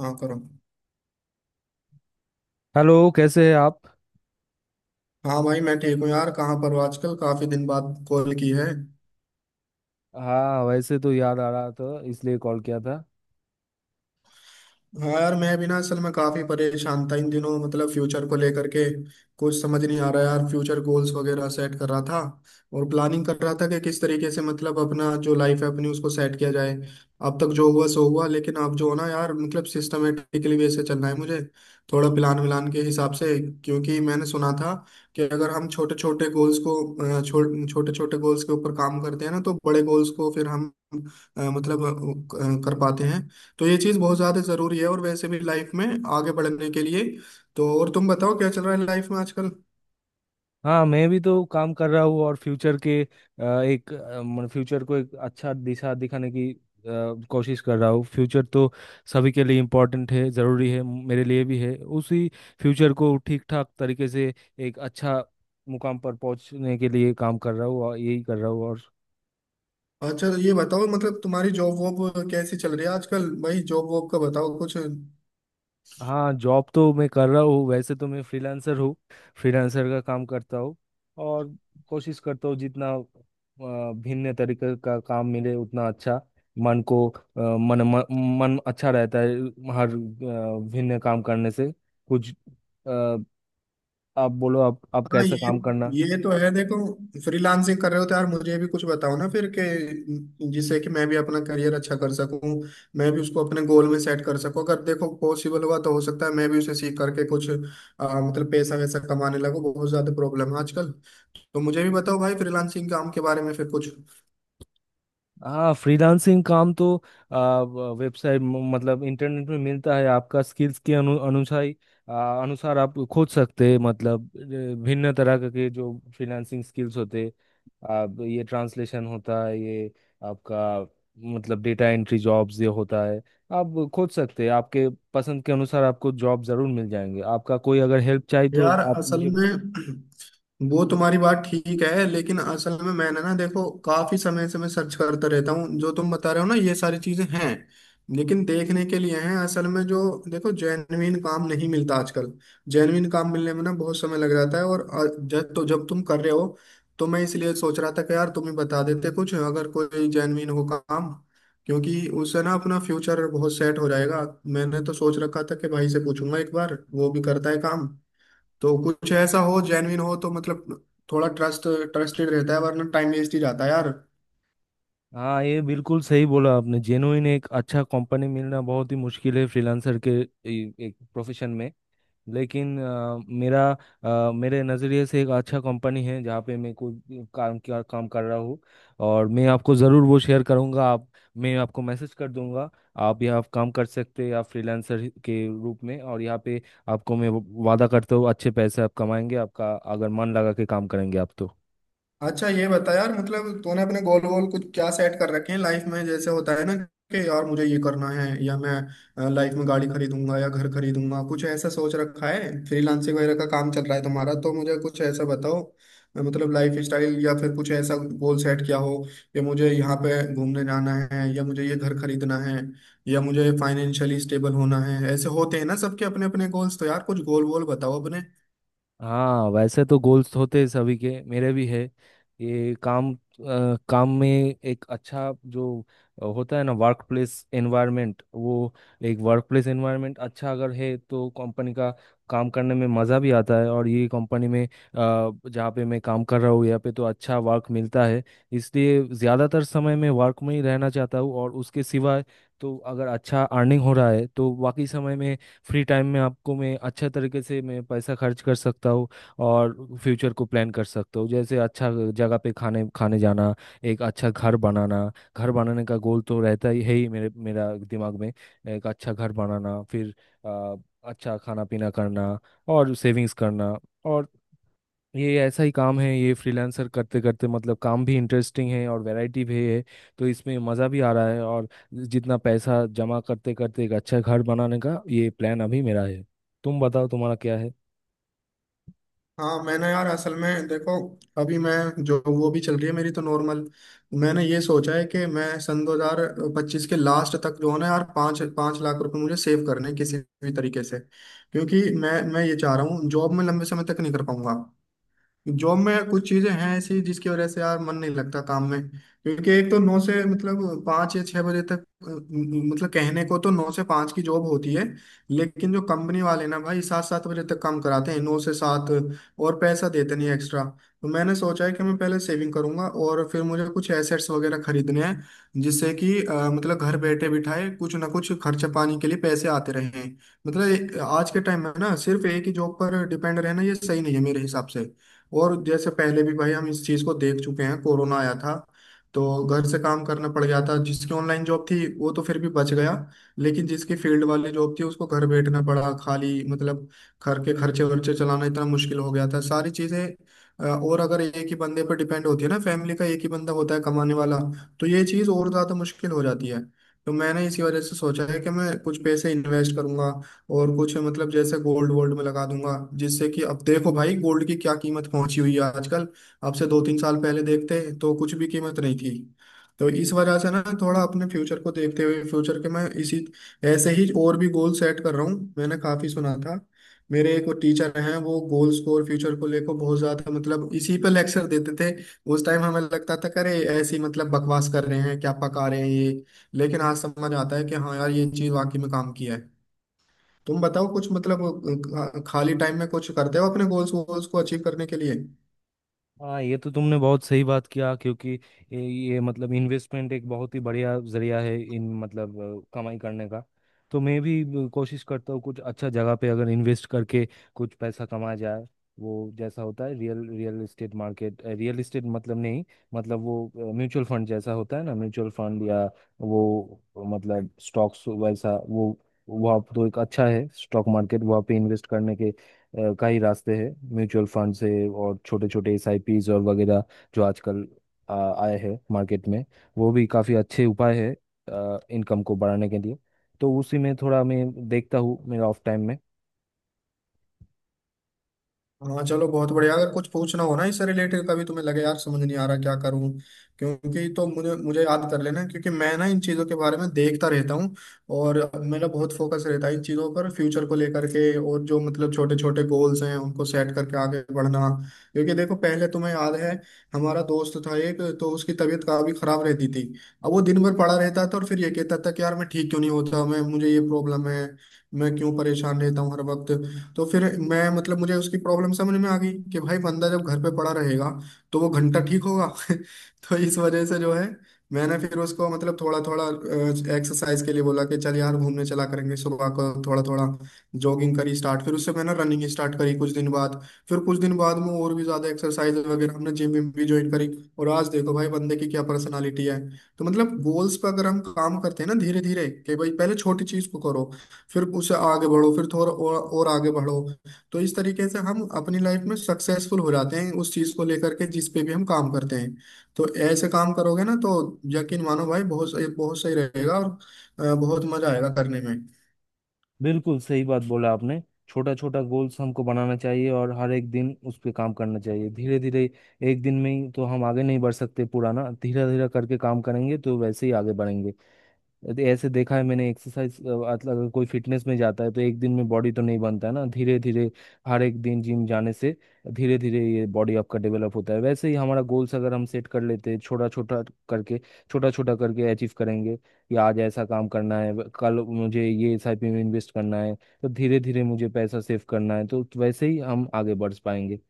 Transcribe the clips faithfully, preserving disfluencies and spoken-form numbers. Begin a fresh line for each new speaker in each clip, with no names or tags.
हाँ करो।
हेलो, कैसे हैं आप।
हाँ भाई मैं ठीक हूँ यार। कहाँ पर हो आजकल? काफी दिन बाद कॉल की है।
हाँ, वैसे तो याद आ रहा था, इसलिए कॉल किया था।
हाँ यार मैं भी ना, असल में काफी परेशान था इन दिनों, मतलब फ्यूचर को लेकर के। कुछ समझ नहीं आ रहा यार। फ्यूचर गोल्स वगैरह सेट कर रहा था और प्लानिंग कर रहा था कि किस तरीके से, मतलब अपना जो लाइफ है अपनी, उसको सेट किया जाए। अब तक जो हुआ सो हुआ, लेकिन अब जो है ना यार, मतलब सिस्टमेटिकली वैसे चलना है मुझे, थोड़ा प्लान व्लान के हिसाब से। क्योंकि मैंने सुना था कि अगर हम छोटे छोटे गोल्स को, अ, छो, छोटे छोटे गोल्स के ऊपर काम करते हैं ना, तो बड़े गोल्स को फिर हम अ, मतलब अ, कर पाते हैं। तो ये चीज़ बहुत ज़्यादा ज़रूरी है, और वैसे भी लाइफ में आगे बढ़ने के लिए। तो और तुम बताओ, क्या चल रहा है लाइफ में आजकल?
हाँ, मैं भी तो काम कर रहा हूँ, और फ्यूचर के अ, एक अ, मन फ्यूचर को एक अच्छा दिशा दिखाने की अ, कोशिश कर रहा हूँ। फ्यूचर तो सभी के लिए इम्पोर्टेंट है, ज़रूरी है, मेरे लिए भी है। उसी फ्यूचर को ठीक ठाक तरीके से एक अच्छा मुकाम पर पहुंचने के लिए काम कर रहा हूँ, और यही कर रहा हूँ, और
अच्छा ये बताओ, मतलब तुम्हारी जॉब वॉब कैसी चल रही है आजकल? भाई जॉब वॉब का बताओ कुछ।
हाँ, जॉब तो मैं कर रहा हूँ। वैसे तो मैं फ्रीलांसर हूँ, फ्रीलांसर का काम करता हूँ। और कोशिश करता हूँ जितना अ, भिन्न तरीके का काम मिले उतना अच्छा। मन को अ, मन मन मन अच्छा रहता है हर अ, भिन्न काम करने से। कुछ अ, आप बोलो, आप आप
हाँ,
कैसा
ये
काम करना।
ये तो है देखो। फ्रीलांसिंग कर रहे हो तो यार मुझे भी कुछ बताओ ना फिर के, जिससे कि मैं भी अपना करियर अच्छा कर सकूं, मैं भी उसको अपने गोल में सेट कर सकूं। अगर देखो पॉसिबल हुआ तो हो सकता है मैं भी उसे सीख करके कुछ अ, मतलब पैसा वैसा कमाने लगूं। बहुत ज़्यादा प्रॉब्लम है आजकल। तो मुझे भी बताओ भाई फ्रीलांसिंग काम के बारे में फिर कुछ।
हाँ, फ्रीलांसिंग काम तो आ, वेबसाइट म- मतलब इंटरनेट में मिलता है। आपका स्किल्स के अनु, अनुसार ही, आ, अनुसार आप खोज सकते हैं, मतलब अ, भिन्न तरह के के जो फ्रीलांसिंग स्किल्स होते। आप ये ट्रांसलेशन होता है, ये आपका मतलब डेटा एंट्री जॉब्स ये होता है। आप खोज सकते हैं आपके पसंद के अनुसार, आपको जॉब जरूर मिल जाएंगे। आपका कोई अगर हेल्प चाहिए तो
यार
आप
असल
मुझे,
में, वो तुम्हारी बात ठीक है, लेकिन असल में मैंने ना देखो, काफी समय से मैं सर्च करता रहता हूँ। जो तुम बता रहे हो ना, ये सारी चीजें हैं लेकिन देखने के लिए हैं असल में। जो देखो, जेन्युइन काम नहीं मिलता आजकल। जेन्युइन काम मिलने में ना बहुत समय लग जाता है। और अ, जब तो जब तुम कर रहे हो तो मैं इसलिए सोच रहा था कि यार तुम ही बता देते कुछ, अगर कोई जेन्युइन हो काम। क्योंकि उससे ना अपना फ्यूचर बहुत सेट हो जाएगा। मैंने तो सोच रखा था कि भाई से पूछूंगा एक बार, वो भी करता है काम, तो कुछ ऐसा हो जेन्युइन हो तो मतलब थोड़ा ट्रस्ट ट्रस्टेड रहता है, वरना टाइम वेस्ट ही जाता है यार।
हाँ, ये बिल्कुल सही बोला आपने। जेनुइन एक अच्छा कंपनी मिलना बहुत ही मुश्किल है, फ्रीलांसर के ए- एक प्रोफेशन में। लेकिन अ, मेरा अ, मेरे नज़रिए से एक अच्छा कंपनी है जहाँ पे मैं कोई काम, क्या काम कर रहा हूँ, और मैं आपको ज़रूर वो शेयर करूँगा। आप, मैं आपको मैसेज कर दूंगा। आप यहाँ काम कर सकते हैं, आप फ्रीलांसर के रूप में, और यहाँ पे आपको मैं वादा करता हूँ, अच्छे पैसे आप कमाएंगे, आपका अगर मन लगा के काम करेंगे आप तो,
अच्छा ये बता यार, मतलब तूने अपने गोल गोल कुछ क्या सेट कर रखे हैं लाइफ में? जैसे होता है ना कि यार मुझे ये करना है, या मैं लाइफ में गाड़ी खरीदूंगा या घर खरीदूंगा, कुछ ऐसा सोच रखा है? फ्रीलांसिंग वगैरह का काम चल रहा है तुम्हारा, तो मुझे कुछ ऐसा बताओ, मतलब लाइफ स्टाइल, या फिर कुछ ऐसा गोल सेट किया हो कि मुझे यहाँ पे घूमने जाना है, या मुझे ये घर खरीदना है, या मुझे फाइनेंशियली स्टेबल होना है। ऐसे होते हैं ना सबके अपने अपने गोल्स। तो यार कुछ गोल गोल बताओ अपने।
हाँ, वैसे तो गोल्स होते हैं सभी के, मेरे भी है। ये काम अ, काम में एक अच्छा जो अ, होता है ना, वर्क प्लेस एनवायरनमेंट, वो एक वर्क प्लेस एनवायरनमेंट अच्छा अगर है तो कंपनी का काम करने में मज़ा भी आता है। और ये कंपनी में अ, जहाँ पे मैं काम कर रहा हूँ, यहाँ पे तो अच्छा वर्क मिलता है, इसलिए ज़्यादातर समय मैं वर्क में ही रहना चाहता हूँ। और उसके सिवाय तो अगर अच्छा अर्निंग हो रहा है तो बाकी समय में, फ्री टाइम में, आपको मैं अच्छा तरीके से मैं पैसा खर्च कर सकता हूँ, और फ्यूचर को प्लान कर सकता हूँ, जैसे अच्छा जगह पे खाने खाने जाना, एक अच्छा घर बनाना। घर बनाने का गोल तो रहता ही है, ही मेरे मेरा दिमाग में, एक अच्छा घर बनाना, फिर अ, अच्छा खाना पीना करना, और सेविंग्स करना। और ये ऐसा ही काम है, ये फ्रीलांसर करते करते, मतलब काम भी इंटरेस्टिंग है और वैरायटी भी है, तो इसमें मज़ा भी आ रहा है। और जितना पैसा जमा करते करते, एक अच्छा घर बनाने का ये प्लान अभी मेरा है। तुम बताओ तुम्हारा क्या है।
हाँ मैंने यार असल में देखो, अभी मैं जो, वो भी चल रही है मेरी तो नॉर्मल। मैंने ये सोचा है कि मैं सन दो हज़ार पच्चीस के लास्ट तक, जो है ना यार, पाँच पाँच लाख रुपए मुझे सेव करने हैं किसी भी तरीके से, क्योंकि मैं मैं ये चाह रहा हूँ, जॉब में लंबे समय तक नहीं कर पाऊंगा। जॉब में कुछ चीजें हैं ऐसी जिसकी वजह से यार मन नहीं लगता काम में। क्योंकि एक तो नौ से, मतलब पाँच या छह बजे तक, अ, म- मतलब कहने को तो नौ से पाँच की जॉब होती है, लेकिन जो कंपनी वाले ना भाई, सात सात बजे तक काम कराते हैं, नौ से सात, और पैसा देते नहीं एक्स्ट्रा। तो मैंने सोचा है कि मैं पहले सेविंग करूंगा, और फिर मुझे कुछ एसेट्स वगैरह खरीदने हैं, जिससे कि अ, मतलब घर बैठे बिठाए कुछ ना कुछ खर्चा पानी के लिए पैसे आते रहें। मतलब ए- आज के टाइम में ना, सिर्फ एक ही जॉब पर डिपेंड रहना ये सही नहीं है मेरे हिसाब से। और जैसे पहले भी भाई हम इस चीज को देख चुके हैं, कोरोना आया था, तो घर से काम करना पड़ गया था। जिसकी ऑनलाइन जॉब थी वो तो फिर भी बच गया, लेकिन जिसकी फील्ड वाली जॉब थी उसको घर बैठना पड़ा खाली, मतलब घर के खर्चे वर्चे चलाना इतना मुश्किल हो गया था, सारी चीजें। अ, और अगर एक ही बंदे पर डिपेंड होती है ना फैमिली, का एक ही बंदा होता है कमाने वाला, तो ये चीज और ज्यादा मुश्किल हो जाती है। तो मैंने इसी वजह से सोचा है कि मैं कुछ पैसे इन्वेस्ट करूंगा, और कुछ मतलब जैसे गोल्ड वोल्ड में लगा दूंगा। जिससे कि, अब देखो भाई गोल्ड की क्या कीमत पहुंची हुई है आजकल, अब से दो तीन साल पहले देखते तो कुछ भी कीमत नहीं थी। तो इस वजह से ना, थोड़ा अपने फ्यूचर को देखते हुए, फ्यूचर के मैं इसी ऐसे ही और भी गोल सेट कर रहा हूँ। मैंने काफी सुना था, मेरे एक टीचर हैं, वो गोल्स को और फ्यूचर को लेकर बहुत ज्यादा, मतलब इसी पे लेक्चर देते थे। उस टाइम हमें लगता था, करे ऐसी मतलब बकवास कर रहे हैं, क्या पका रहे हैं ये! लेकिन आज समझ आता है कि हाँ यार, ये चीज वाकई में काम किया है। तुम बताओ कुछ, मतलब अ, खाली टाइम में कुछ करते हो अपने गोल्स वोल्स को अचीव करने के लिए?
हाँ, ये तो तुमने बहुत सही बात किया, क्योंकि ये, ये मतलब इन्वेस्टमेंट एक बहुत ही बढ़िया जरिया है, इन मतलब अ, कमाई करने का। तो मैं भी अ, कोशिश करता हूँ कुछ अच्छा जगह पे अगर इन्वेस्ट करके कुछ पैसा कमाया जाए। वो जैसा होता है real real estate market, real estate मतलब नहीं, मतलब वो म्यूचुअल फंड जैसा होता है ना, म्यूचुअल फंड, या वो मतलब स्टॉक्स वैसा, वो वहाँ तो एक अच्छा है स्टॉक मार्केट, वहाँ पे इन्वेस्ट करने के अ, का ही रास्ते हैं। म्यूचुअल फंड से और छोटे छोटे एसआईपीज और वगैरह जो आजकल आ, आए हैं मार्केट में, वो भी काफ़ी अच्छे उपाय है इनकम को बढ़ाने के लिए, तो उसी में थोड़ा मैं देखता हूँ मेरा ऑफ टाइम में।
हाँ चलो बहुत बढ़िया। अगर कुछ पूछना हो ना इससे रिलेटेड, कभी तुम्हें लगे यार समझ नहीं आ रहा क्या करूं, क्योंकि, तो मुझे मुझे याद कर लेना, क्योंकि मैं ना इन चीज़ों के बारे में देखता रहता हूँ, और मेरा बहुत फोकस रहता है इन चीज़ों पर, फ्यूचर को लेकर के, और जो मतलब छोटे छोटे गोल्स हैं उनको सेट करके आगे बढ़ना। क्योंकि देखो पहले, तुम्हें याद है हमारा दोस्त था एक, तो उसकी तबीयत काफी खराब रहती थी। अब वो दिन भर पड़ा रहता था, और फिर ये कहता था कि यार मैं ठीक क्यों नहीं होता, मैं, मुझे ये प्रॉब्लम है, मैं क्यों परेशान रहता हूँ हर वक्त। तो फिर मैं मतलब मुझे उसकी प्रॉब्लम समझ में आ गई कि भाई बंदा जब घर पे पड़ा रहेगा, तो वो घंटा ठीक होगा। तो इस वजह से जो है, मैंने फिर उसको मतलब थोड़ा थोड़ा एक्सरसाइज के लिए बोला कि चल यार घूमने चला करेंगे सुबह को, थोड़ा थोड़ा जॉगिंग करी स्टार्ट। फिर उससे मैंने रनिंग स्टार्ट करी कुछ दिन बाद। फिर कुछ दिन बाद में और भी ज्यादा एक्सरसाइज वगैरह, हमने जिम विम भी ज्वाइन करी। और आज देखो भाई बंदे की क्या पर्सनालिटी है! तो मतलब गोल्स पर अगर हम काम करते हैं ना धीरे धीरे, कि भाई पहले छोटी चीज को करो, फिर उससे आगे बढ़ो, फिर थोड़ा और और आगे बढ़ो, तो इस तरीके से हम अपनी लाइफ में सक्सेसफुल हो जाते हैं, उस चीज को लेकर के जिस पे भी हम काम करते हैं। तो ऐसे काम करोगे ना, तो यकीन मानो भाई, बहुत सही, बहुत सही रहेगा, और अ, बहुत मजा आएगा करने
बिल्कुल सही बात बोला आपने, छोटा छोटा गोल्स हमको बनाना चाहिए और हर एक दिन उस पर काम करना चाहिए, धीरे धीरे। एक दिन में ही तो हम आगे नहीं बढ़ सकते, पुराना धीरे धीरे करके काम करेंगे तो वैसे ही आगे बढ़ेंगे। तो ऐसे देखा है मैंने, एक्सरसाइज अगर कोई फिटनेस में जाता है तो एक दिन में बॉडी तो नहीं बनता है ना, धीरे धीरे हर एक दिन जिम जाने से धीरे धीरे ये बॉडी आपका डेवलप होता है। वैसे ही हमारा गोल्स अगर हम सेट कर लेते हैं छोटा छोटा करके छोटा छोटा करके अचीव करेंगे कि आज ऐसा काम करना है, व- कल मुझे ये एसआईपी में इन्वेस्ट करना है, तो धीरे धीरे मुझे पैसा सेव करना है, तो वैसे ही हम आगे बढ़ पाएंगे।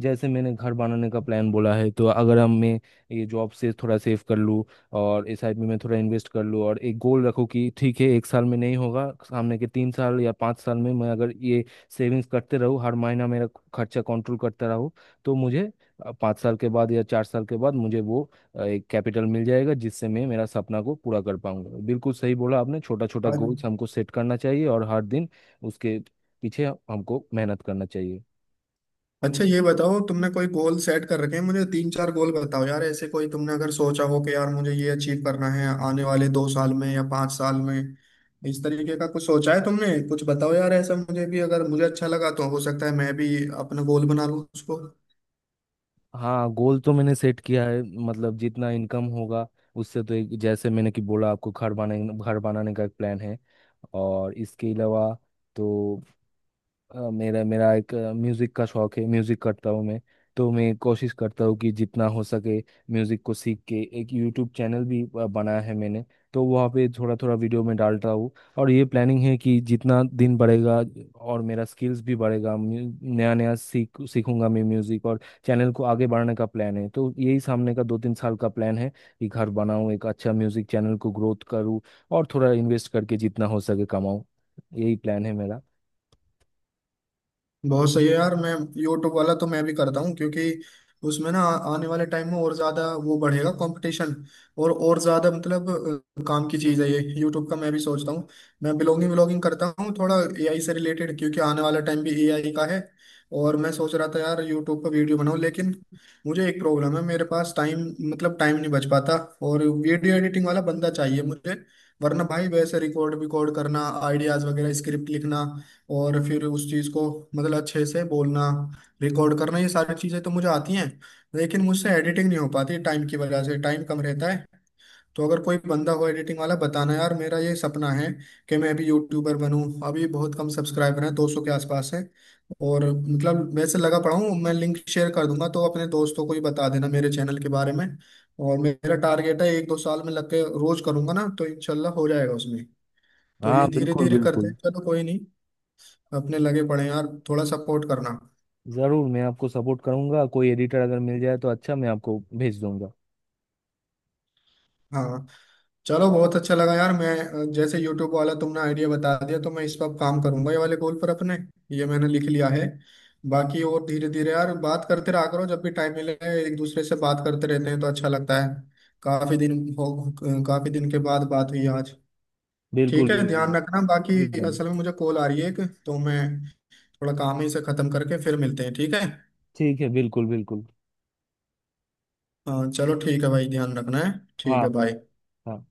जैसे मैंने घर बनाने का प्लान बोला है, तो अगर हम मैं ये जॉब से थोड़ा सेव कर लूँ और इस साइड में मैं थोड़ा इन्वेस्ट कर लूँ, और एक गोल रखूँ कि ठीक है एक साल में नहीं होगा, सामने के तीन साल या पाँच साल में, मैं अगर ये सेविंग्स करते रहूँ, हर महीना मेरा खर्चा कंट्रोल करता रहूँ, तो मुझे अ, पाँच साल के बाद या चार साल के बाद मुझे वो अ, एक कैपिटल मिल जाएगा, जिससे मैं मेरा सपना को पूरा कर पाऊंगा। बिल्कुल सही बोला आपने, छोटा छोटा
में।
गोल्स हमको सेट करना चाहिए और हर दिन उसके पीछे हमको मेहनत करना चाहिए।
अच्छा ये बताओ, तुमने कोई गोल सेट कर रखे हैं? मुझे तीन चार गोल बताओ यार, ऐसे कोई तुमने अगर सोचा हो कि यार मुझे ये अचीव करना है आने वाले दो साल में या पांच साल में, इस तरीके का कुछ सोचा है तुमने? कुछ बताओ यार ऐसा, मुझे भी अगर मुझे अच्छा लगा तो हो सकता है मैं भी अपना गोल बना लूँ उसको।
हाँ, गोल तो मैंने सेट किया है, मतलब जितना इनकम होगा उससे, तो एक, जैसे मैंने कि बोला आपको, घर बनाने घर बनाने का एक प्लान है, और इसके अलावा तो अ, मेरा मेरा एक म्यूज़िक का शौक है, म्यूज़िक करता हूँ मैं। तो मैं कोशिश करता हूँ कि जितना हो सके म्यूज़िक को सीख के एक यूट्यूब चैनल भी अ, बनाया है मैंने, तो वहाँ पे थोड़ा थोड़ा वीडियो में डालता हूँ। और ये प्लानिंग है कि जितना दिन बढ़ेगा और मेरा स्किल्स भी बढ़ेगा, नया नया सीख सीखूंगा मैं म्यूज़िक, और चैनल को आगे बढ़ाने का प्लान है। तो यही सामने का दो तीन साल का प्लान है कि घर बनाऊँ, एक अच्छा म्यूज़िक चैनल को ग्रोथ करूँ, और थोड़ा इन्वेस्ट करके जितना हो सके कमाऊँ। यही प्लान है मेरा।
बहुत सही है यार। मैं, यूट्यूब वाला तो मैं भी करता हूँ, क्योंकि उसमें ना आने वाले टाइम में और ज्यादा वो बढ़ेगा, कंपटीशन और और ज्यादा, मतलब अ, काम की चीज है ये यूट्यूब का, मैं भी सोचता हूँ। मैं ब्लॉगिंग व्लॉगिंग करता हूँ थोड़ा एआई से रिलेटेड, क्योंकि आने वाला टाइम भी एआई का है। और मैं सोच रहा था यार यूट्यूब पर वीडियो बनाऊँ, लेकिन मुझे एक प्रॉब्लम है, मेरे पास टाइम, मतलब टाइम नहीं बच पाता, और वीडियो एडिटिंग वाला बंदा चाहिए मुझे। वरना भाई वैसे रिकॉर्ड विकॉर्ड करना, आइडियाज वगैरह, स्क्रिप्ट लिखना, और फिर उस चीज़ को मतलब अच्छे से बोलना, रिकॉर्ड करना, ये सारी चीज़ें तो मुझे आती हैं। लेकिन मुझसे एडिटिंग नहीं हो पाती टाइम की वजह से, टाइम कम रहता है। तो अगर कोई बंदा हो एडिटिंग वाला, बताना यार। मेरा ये सपना है कि मैं अभी यूट्यूबर बनूं। अभी बहुत कम सब्सक्राइबर हैं, दो सौ के आसपास है, और मतलब वैसे लगा पड़ा हूँ मैं। लिंक शेयर कर दूंगा तो अपने दोस्तों को ही बता देना मेरे चैनल के बारे में। और मेरा टारगेट है एक दो साल में लग के रोज करूंगा ना, तो इंशाल्लाह हो जाएगा उसमें। तो
हाँ,
ये धीरे
बिल्कुल
धीरे करते हैं,
बिल्कुल।
चलो कोई नहीं। अपने लगे पड़े हैं यार, थोड़ा सपोर्ट करना।
जरूर, मैं आपको सपोर्ट करूंगा, कोई एडिटर अगर मिल जाए तो अच्छा, मैं आपको भेज दूंगा।
हाँ चलो बहुत अच्छा लगा यार। मैं, अ, जैसे यूट्यूब वाला तुमने आइडिया बता दिया, तो मैं इस पर काम करूंगा ये वाले गोल पर अपने, ये मैंने लिख लिया है। बाकी और धीरे धीरे यार बात करते रहा करो जब भी टाइम मिले, एक दूसरे से बात करते रहते हैं तो अच्छा लगता है। काफी दिन हो, काफी दिन के बाद बात हुई आज।
बिल्कुल
ठीक है
बिल्कुल।
ध्यान रखना बाकी।
एकदम।
असल में मुझे कॉल आ रही है एक, तो मैं थोड़ा काम ही से खत्म करके फिर मिलते हैं, ठीक है?
ठीक है, बिल्कुल बिल्कुल।
हाँ चलो ठीक है भाई, ध्यान रखना है। ठीक
हाँ।
है, बाय।
हाँ।